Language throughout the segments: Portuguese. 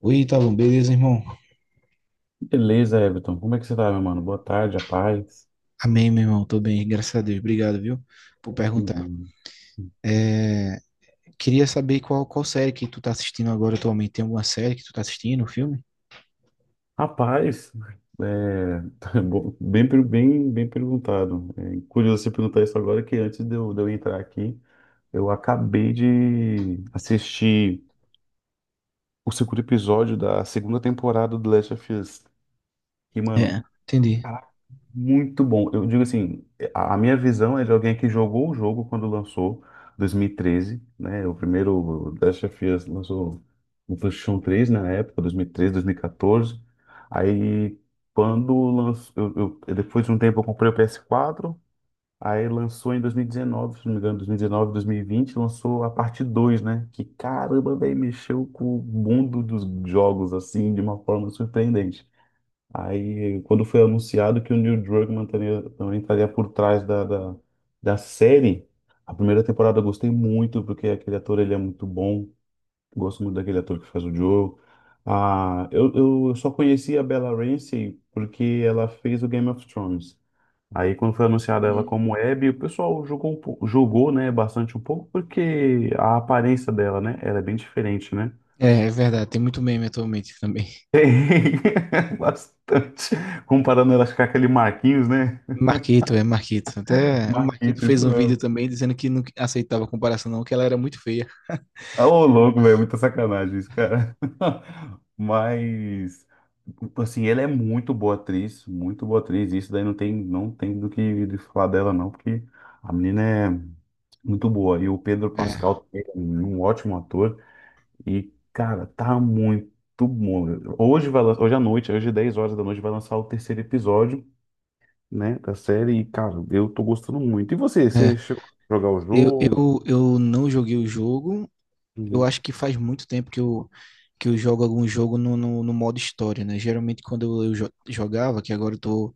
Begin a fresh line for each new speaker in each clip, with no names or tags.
Oi, Ítalo, beleza, irmão?
Beleza, Everton. Como é que você tá, meu mano? Boa tarde, a paz.
Amém, meu irmão, tô bem, graças a Deus, obrigado, viu, por
Que
perguntar.
bom.
É, queria saber qual série que tu tá assistindo agora atualmente, tem alguma série que tu tá assistindo, um filme?
Rapaz, é, Bom. Bem perguntado. É curioso você perguntar isso agora, que antes de eu entrar aqui, eu acabei de assistir o segundo episódio da segunda temporada do The Last of Us. E, mano,
É, entendi.
muito bom. Eu digo assim, a minha visão é de alguém que jogou o jogo quando lançou, 2013, né? O primeiro Last of Us lançou no PlayStation 3 na época, 2013, 2014. Aí quando lançou, depois de um tempo eu comprei o PS4, aí lançou em 2019, se não me engano, 2019, 2020, lançou a parte dois, né? Que caramba, velho, mexeu com o mundo dos jogos assim de uma forma surpreendente. Aí, quando foi anunciado que o Neil Druckmann também estaria por trás da série, a primeira temporada eu gostei muito, porque aquele ator ele é muito bom. Gosto muito daquele ator que faz o Joe. Ah, eu só conheci a Bella Ramsey porque ela fez o Game of Thrones. Aí, quando foi anunciada ela
Hum.
como Abby, o pessoal julgou, né, bastante um pouco, porque a aparência dela, né, ela é bem diferente, né?
É verdade, tem muito meme atualmente também.
Tem, bastante. Comparando ela com aquele Marquinhos, né?
Marquito, é Marquito, até o Marquito
Marquito,
fez
isso
um vídeo
não.
também dizendo que não aceitava a comparação não, que ela era muito feia.
Ah, ô, louco, velho, muita sacanagem isso, cara. Mas, assim, ela é muito boa atriz, muito boa atriz. Isso daí não tem, não tem do que de falar dela, não, porque a menina é muito boa. E o Pedro
É,
Pascal também é um ótimo ator. E, cara, tá muito bom. Hoje hoje à noite, hoje 10 horas da noite, vai lançar o terceiro episódio, né, da série. E, cara, eu tô gostando muito. E você
é.
chegou a jogar o
Eu,
jogo?
eu, eu não joguei o jogo. Eu
Uhum.
acho que faz muito tempo que eu jogo algum jogo no modo história, né? Geralmente quando eu jogava, que agora eu tô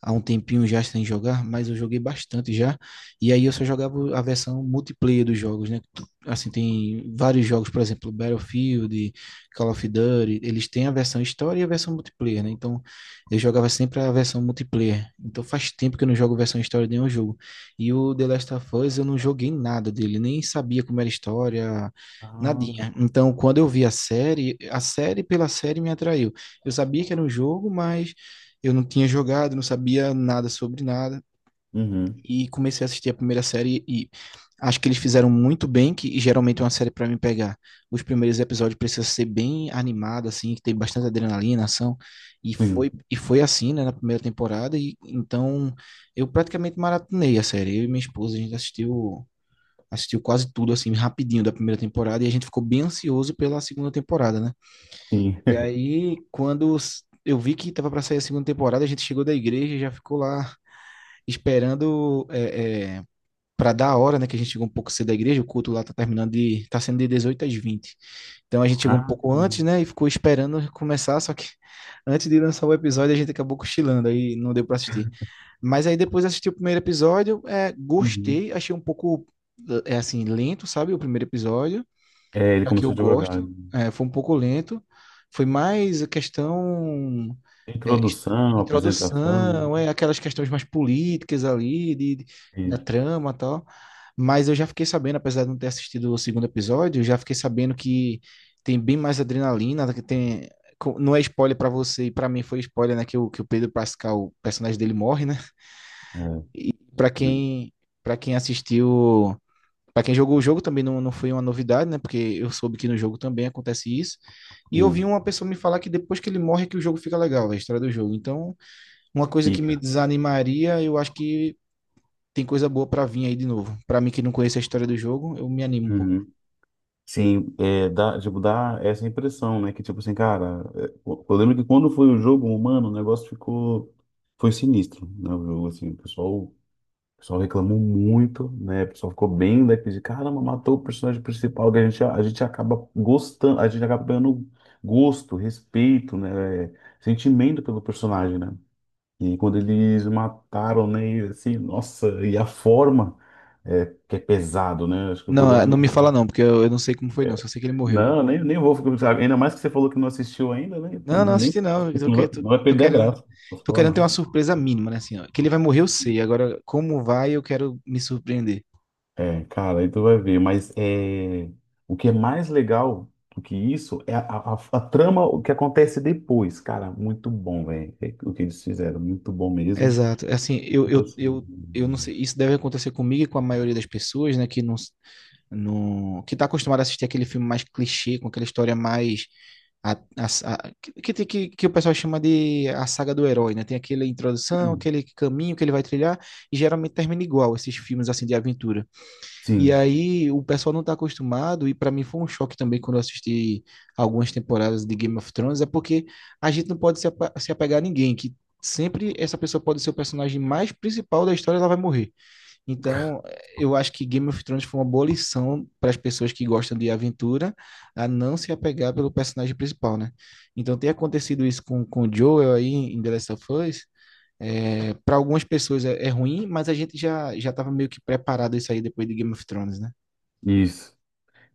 há um tempinho já sem jogar, mas eu joguei bastante já. E aí eu só jogava a versão multiplayer dos jogos, né? Assim, tem vários jogos, por exemplo, Battlefield, Call of Duty, eles têm a versão história e a versão multiplayer, né? Então eu jogava sempre a versão multiplayer. Então faz tempo que eu não jogo versão história de nenhum jogo. E o The Last of Us eu não joguei nada dele, nem sabia como era a história.
Ah.
Nadinha. Então, quando eu vi a série pela série me atraiu. Eu sabia que era um jogo, mas eu não tinha jogado, não sabia nada sobre nada.
Uhum.
E comecei a assistir a primeira série e acho que eles fizeram muito bem, que geralmente é uma série pra me pegar. Os primeiros episódios precisam ser bem animada assim, que tem bastante adrenalina, ação.
Sim,
E foi assim, né, na primeira temporada. E então eu praticamente maratonei a série. Eu e minha esposa, a gente assistiu, assistiu quase tudo, assim, rapidinho da primeira temporada. E a gente ficou bem ansioso pela segunda temporada, né?
sim.
E aí, quando eu vi que tava para sair a segunda temporada, a gente chegou da igreja e já ficou lá esperando para dar a hora, né? Que a gente chegou um pouco cedo da igreja, o culto lá tá terminando de, tá sendo de 18 às vinte. Então a gente chegou um
Ah,
pouco antes,
sim.
né? E ficou esperando começar, só que antes de lançar o episódio a gente acabou cochilando, aí não deu para assistir. Mas aí depois assisti o primeiro episódio, é,
Uhum.
gostei, achei um pouco assim, lento, sabe? O primeiro episódio
É, ele
já que
começou
eu
a
gosto,
divulgar.
é, foi um pouco lento, foi mais a questão é, es-
Introdução, apresentação.
introdução, é, aquelas questões mais políticas ali, da
E,
trama e tal, mas eu já fiquei sabendo, apesar de não ter assistido o segundo episódio, eu já fiquei sabendo que tem bem mais adrenalina, que tem. Não é spoiler pra você, e pra mim foi spoiler, né, que o Pedro Pascal, o personagem dele morre, né?
é,
E para quem assistiu para quem jogou o jogo também não, não foi uma novidade, né? Porque eu soube que no jogo também acontece isso. E eu vi
sim,
uma pessoa me falar que depois que ele morre é que o jogo fica legal, né? A história do jogo. Então, uma coisa que me
pica.
desanimaria, eu acho que tem coisa boa para vir aí de novo. Para mim que não conhece a história do jogo, eu me animo um pouco.
Uhum. Sim, dá, tipo, dá essa impressão, né? Que, tipo assim, cara, eu lembro que quando foi o jogo humano, o negócio ficou. Foi sinistro, né? O jogo, assim, o pessoal reclamou muito, né? O pessoal ficou bem daqui de caramba, matou o personagem principal, que a gente acaba gostando, a gente acaba ganhando gosto, respeito, né? Sentimento pelo personagem, né? E quando eles mataram, né? E assim, nossa, e a forma que é pesado, né? Acho que o
Não,
problema
não
não
me
é.
fala não, porque eu não sei como foi não, só sei que ele morreu.
Não, nem vou ficar. Ainda mais que você falou que não assistiu ainda, né? Então,
Não, não assisti não, eu tô,
não vai,
que- tô,
não vai
tô
perder a
querendo...
graça. Não posso
Tô
falar,
querendo ter uma
não.
surpresa mínima, né? Assim, ó, que ele vai morrer, eu sei. Agora, como vai, eu quero me surpreender.
É, cara, aí tu vai ver, mas o que é mais legal do que isso é a trama, o que acontece depois, cara, muito bom, velho. É o que eles fizeram, muito bom mesmo.
Exato. Assim, eu,
Tipo
eu,
assim,
eu, eu não sei, isso deve acontecer comigo e com a maioria das pessoas, né, que não, não que tá acostumado a assistir aquele filme mais clichê, com aquela história mais que o pessoal chama de a saga do herói, né? Tem aquela introdução,
hum,
aquele caminho que ele vai trilhar e geralmente termina igual esses filmes assim de aventura. E
sim,
aí o pessoal não tá acostumado, e para mim foi um choque também quando eu assisti algumas temporadas de Game of Thrones, é porque a gente não pode se apegar a ninguém, que sempre essa pessoa pode ser o personagem mais principal da história, ela vai morrer. Então, eh, eu acho que Game of Thrones foi uma boa lição para as pessoas que gostam de aventura a não se apegar pelo personagem principal, né? Então, tem acontecido isso com o Joel aí em The Last of Us. É, para algumas pessoas é, é ruim, mas a gente já estava meio que preparado isso aí depois de Game of Thrones, né?
isso.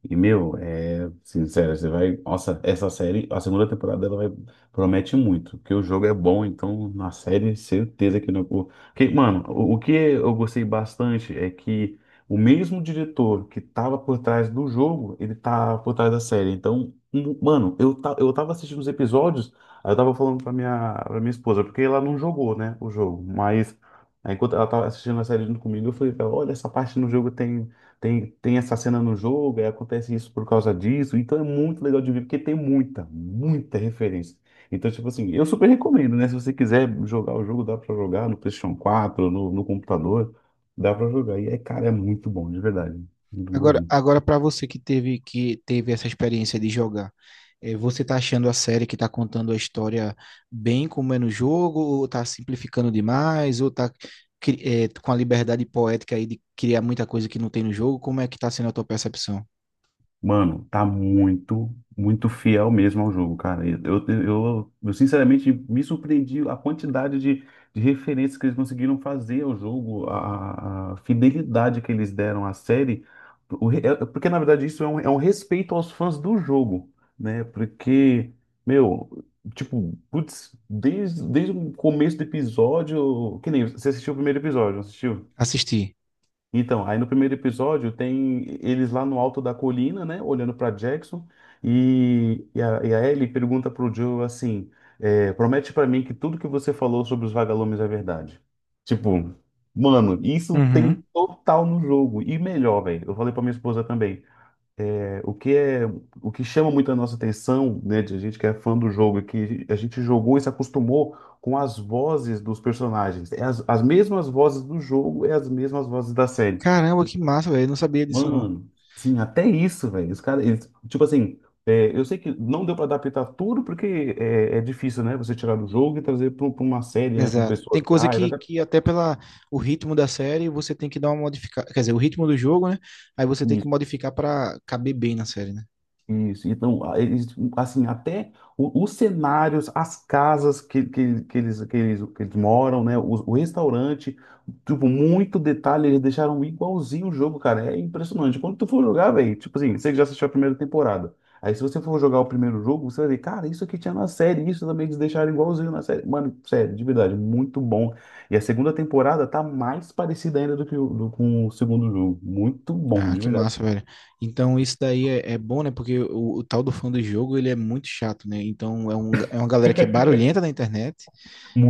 E, meu, é sincero, você vai. Nossa, essa série, a segunda temporada, ela vai, promete muito, porque o jogo é bom, então na série, certeza que não. Que, mano, o que eu gostei bastante é que o mesmo diretor que tava por trás do jogo, ele tá por trás da série. Então, mano, eu tava assistindo os episódios, aí eu tava falando pra minha esposa, porque ela não jogou, né, o jogo, mas. Aí, enquanto ela tava assistindo a série junto comigo, eu falei pra ela, olha, essa parte no jogo tem. Tem essa cena no jogo, aí acontece isso por causa disso. Então é muito legal de ver, porque tem muita, muita referência. Então, tipo assim, eu super recomendo, né? Se você quiser jogar o jogo, dá pra jogar no PlayStation 4, no computador, dá pra jogar. E, cara, é muito bom, de verdade. Muito bom,
Agora,
mesmo.
agora para você que teve essa experiência de jogar, eh, você tá achando a série que tá contando a história bem como é no jogo, ou tá simplificando demais, ou tá com a liberdade poética aí de criar muita coisa que não tem no jogo? Como é que tá sendo a tua percepção?
Mano, tá muito, muito fiel mesmo ao jogo, cara. Eu, sinceramente me surpreendi a quantidade de referências que eles conseguiram fazer ao jogo, a fidelidade que eles deram à série. Porque, na verdade, isso é um respeito aos fãs do jogo, né? Porque, meu, tipo, putz, desde o começo do episódio. Que nem você assistiu o primeiro episódio, não assistiu?
Assistir.
Então, aí no primeiro episódio tem eles lá no alto da colina, né, olhando para Jackson, e a Ellie pergunta pro Joe assim, promete para mim que tudo que você falou sobre os vagalumes é verdade. Tipo, mano, isso tem
Uhum.
total no jogo, e melhor, velho. Eu falei pra minha esposa também, é, o que é, o que chama muito a nossa atenção, né, de gente que é fã do jogo, é que a gente jogou e se acostumou com as vozes dos personagens. É as mesmas vozes do jogo, é as mesmas vozes da série.
Caramba, que massa, velho. Eu não sabia disso, não.
Mano, sim, até isso, velho. Os caras, eles, tipo assim, eu sei que não deu pra adaptar tudo porque é difícil, né? Você tirar do jogo e trazer pra uma série, né? Com
Exato. Tem
pessoas
coisa
reais, até-
que até pela o ritmo da série você tem que dar uma modificada. Quer dizer, o ritmo do jogo, né? Aí você tem que modificar para caber bem na série, né?
Isso, então, eles, assim, até os cenários, as casas que eles moram, né, o restaurante, tipo, muito detalhe, eles deixaram igualzinho o jogo, cara, é impressionante. Quando tu for jogar, velho, tipo assim, você que já assistiu a primeira temporada, aí se você for jogar o primeiro jogo, você vai ver, cara, isso aqui tinha na série, isso também eles deixaram igualzinho na série. Mano, sério, de verdade, muito bom. E a segunda temporada tá mais parecida ainda do que com o segundo jogo, muito bom,
Ah,
de
que
verdade.
massa, velho. Então isso daí é bom, né? Porque o tal do fã do jogo, ele é muito chato, né? Então é uma galera que é barulhenta na internet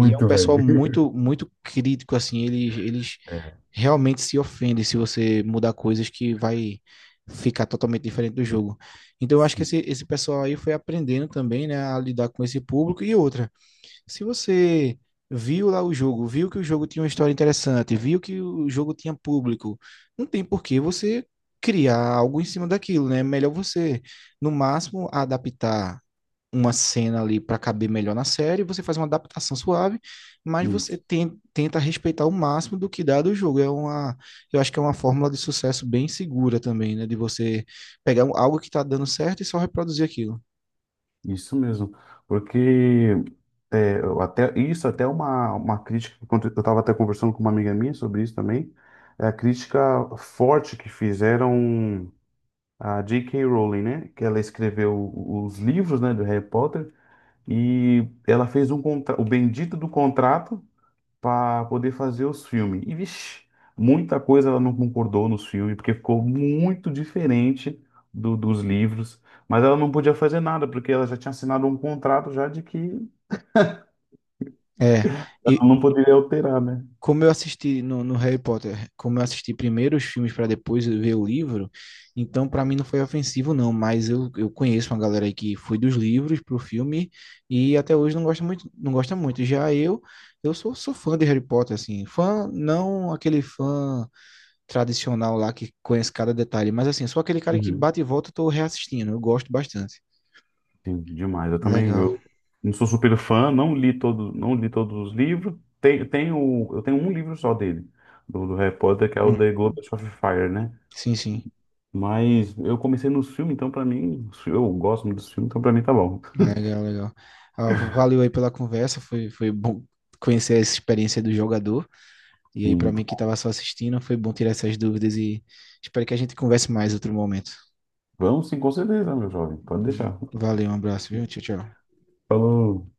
e é um pessoal
velho.
muito, muito crítico, assim. Eles
É.
realmente se ofendem se você mudar coisas que vai ficar totalmente diferente do jogo. Então eu acho que esse, pessoal aí foi aprendendo também, né? A lidar com esse público e outra. Se você viu lá o jogo, viu que o jogo tinha uma história interessante, viu que o jogo tinha público, não tem por que você criar algo em cima daquilo, né? É melhor você, no máximo, adaptar uma cena ali para caber melhor na série, você faz uma adaptação suave, mas você
Isso,
tenta respeitar o máximo do que dá do jogo. É uma, eu acho que é uma fórmula de sucesso bem segura também, né? De você pegar algo que tá dando certo e só reproduzir aquilo.
isso mesmo. Porque eu até isso até é uma crítica que quando eu estava até conversando com uma amiga minha sobre isso também, é a crítica forte que fizeram a J.K. Rowling, né? Que ela escreveu os livros, né, do Harry Potter e ela fez um contra o bendito do contrato para poder fazer os filmes. E, vixe, muita coisa ela não concordou nos filmes, porque ficou muito diferente dos livros. Mas ela não podia fazer nada, porque ela já tinha assinado um contrato já de que ela
É, e
não poderia alterar, né?
como eu assisti no, no Harry Potter, como eu assisti primeiro os filmes para depois eu ver o livro, então para mim não foi ofensivo não, mas eu conheço uma galera aí que foi dos livros pro filme e até hoje não gosta muito, não gosta muito. Já eu sou fã de Harry Potter assim, fã não aquele fã tradicional lá que conhece cada detalhe, mas assim, sou aquele cara que
Uhum.
bate e volta, eu tô reassistindo, eu gosto bastante.
Sim, demais. Eu também
Legal.
eu não sou super fã, não li todos os livros. Eu tenho um livro só dele, do Harry Potter, que é o The
Uhum.
Goblet of Fire, né?
Sim, sim.
Mas eu comecei nos filmes, então pra mim, eu gosto muito dos filmes, então pra mim tá bom.
Legal, legal. Ah, valeu aí pela conversa, foi bom conhecer essa experiência do jogador. E aí, para
Sim.
mim que estava só assistindo, foi bom tirar essas dúvidas e espero que a gente converse mais outro momento.
Vamos sim, com certeza, meu jovem. Pode deixar.
Valeu, um abraço, viu? Tchau, tchau.
Falou.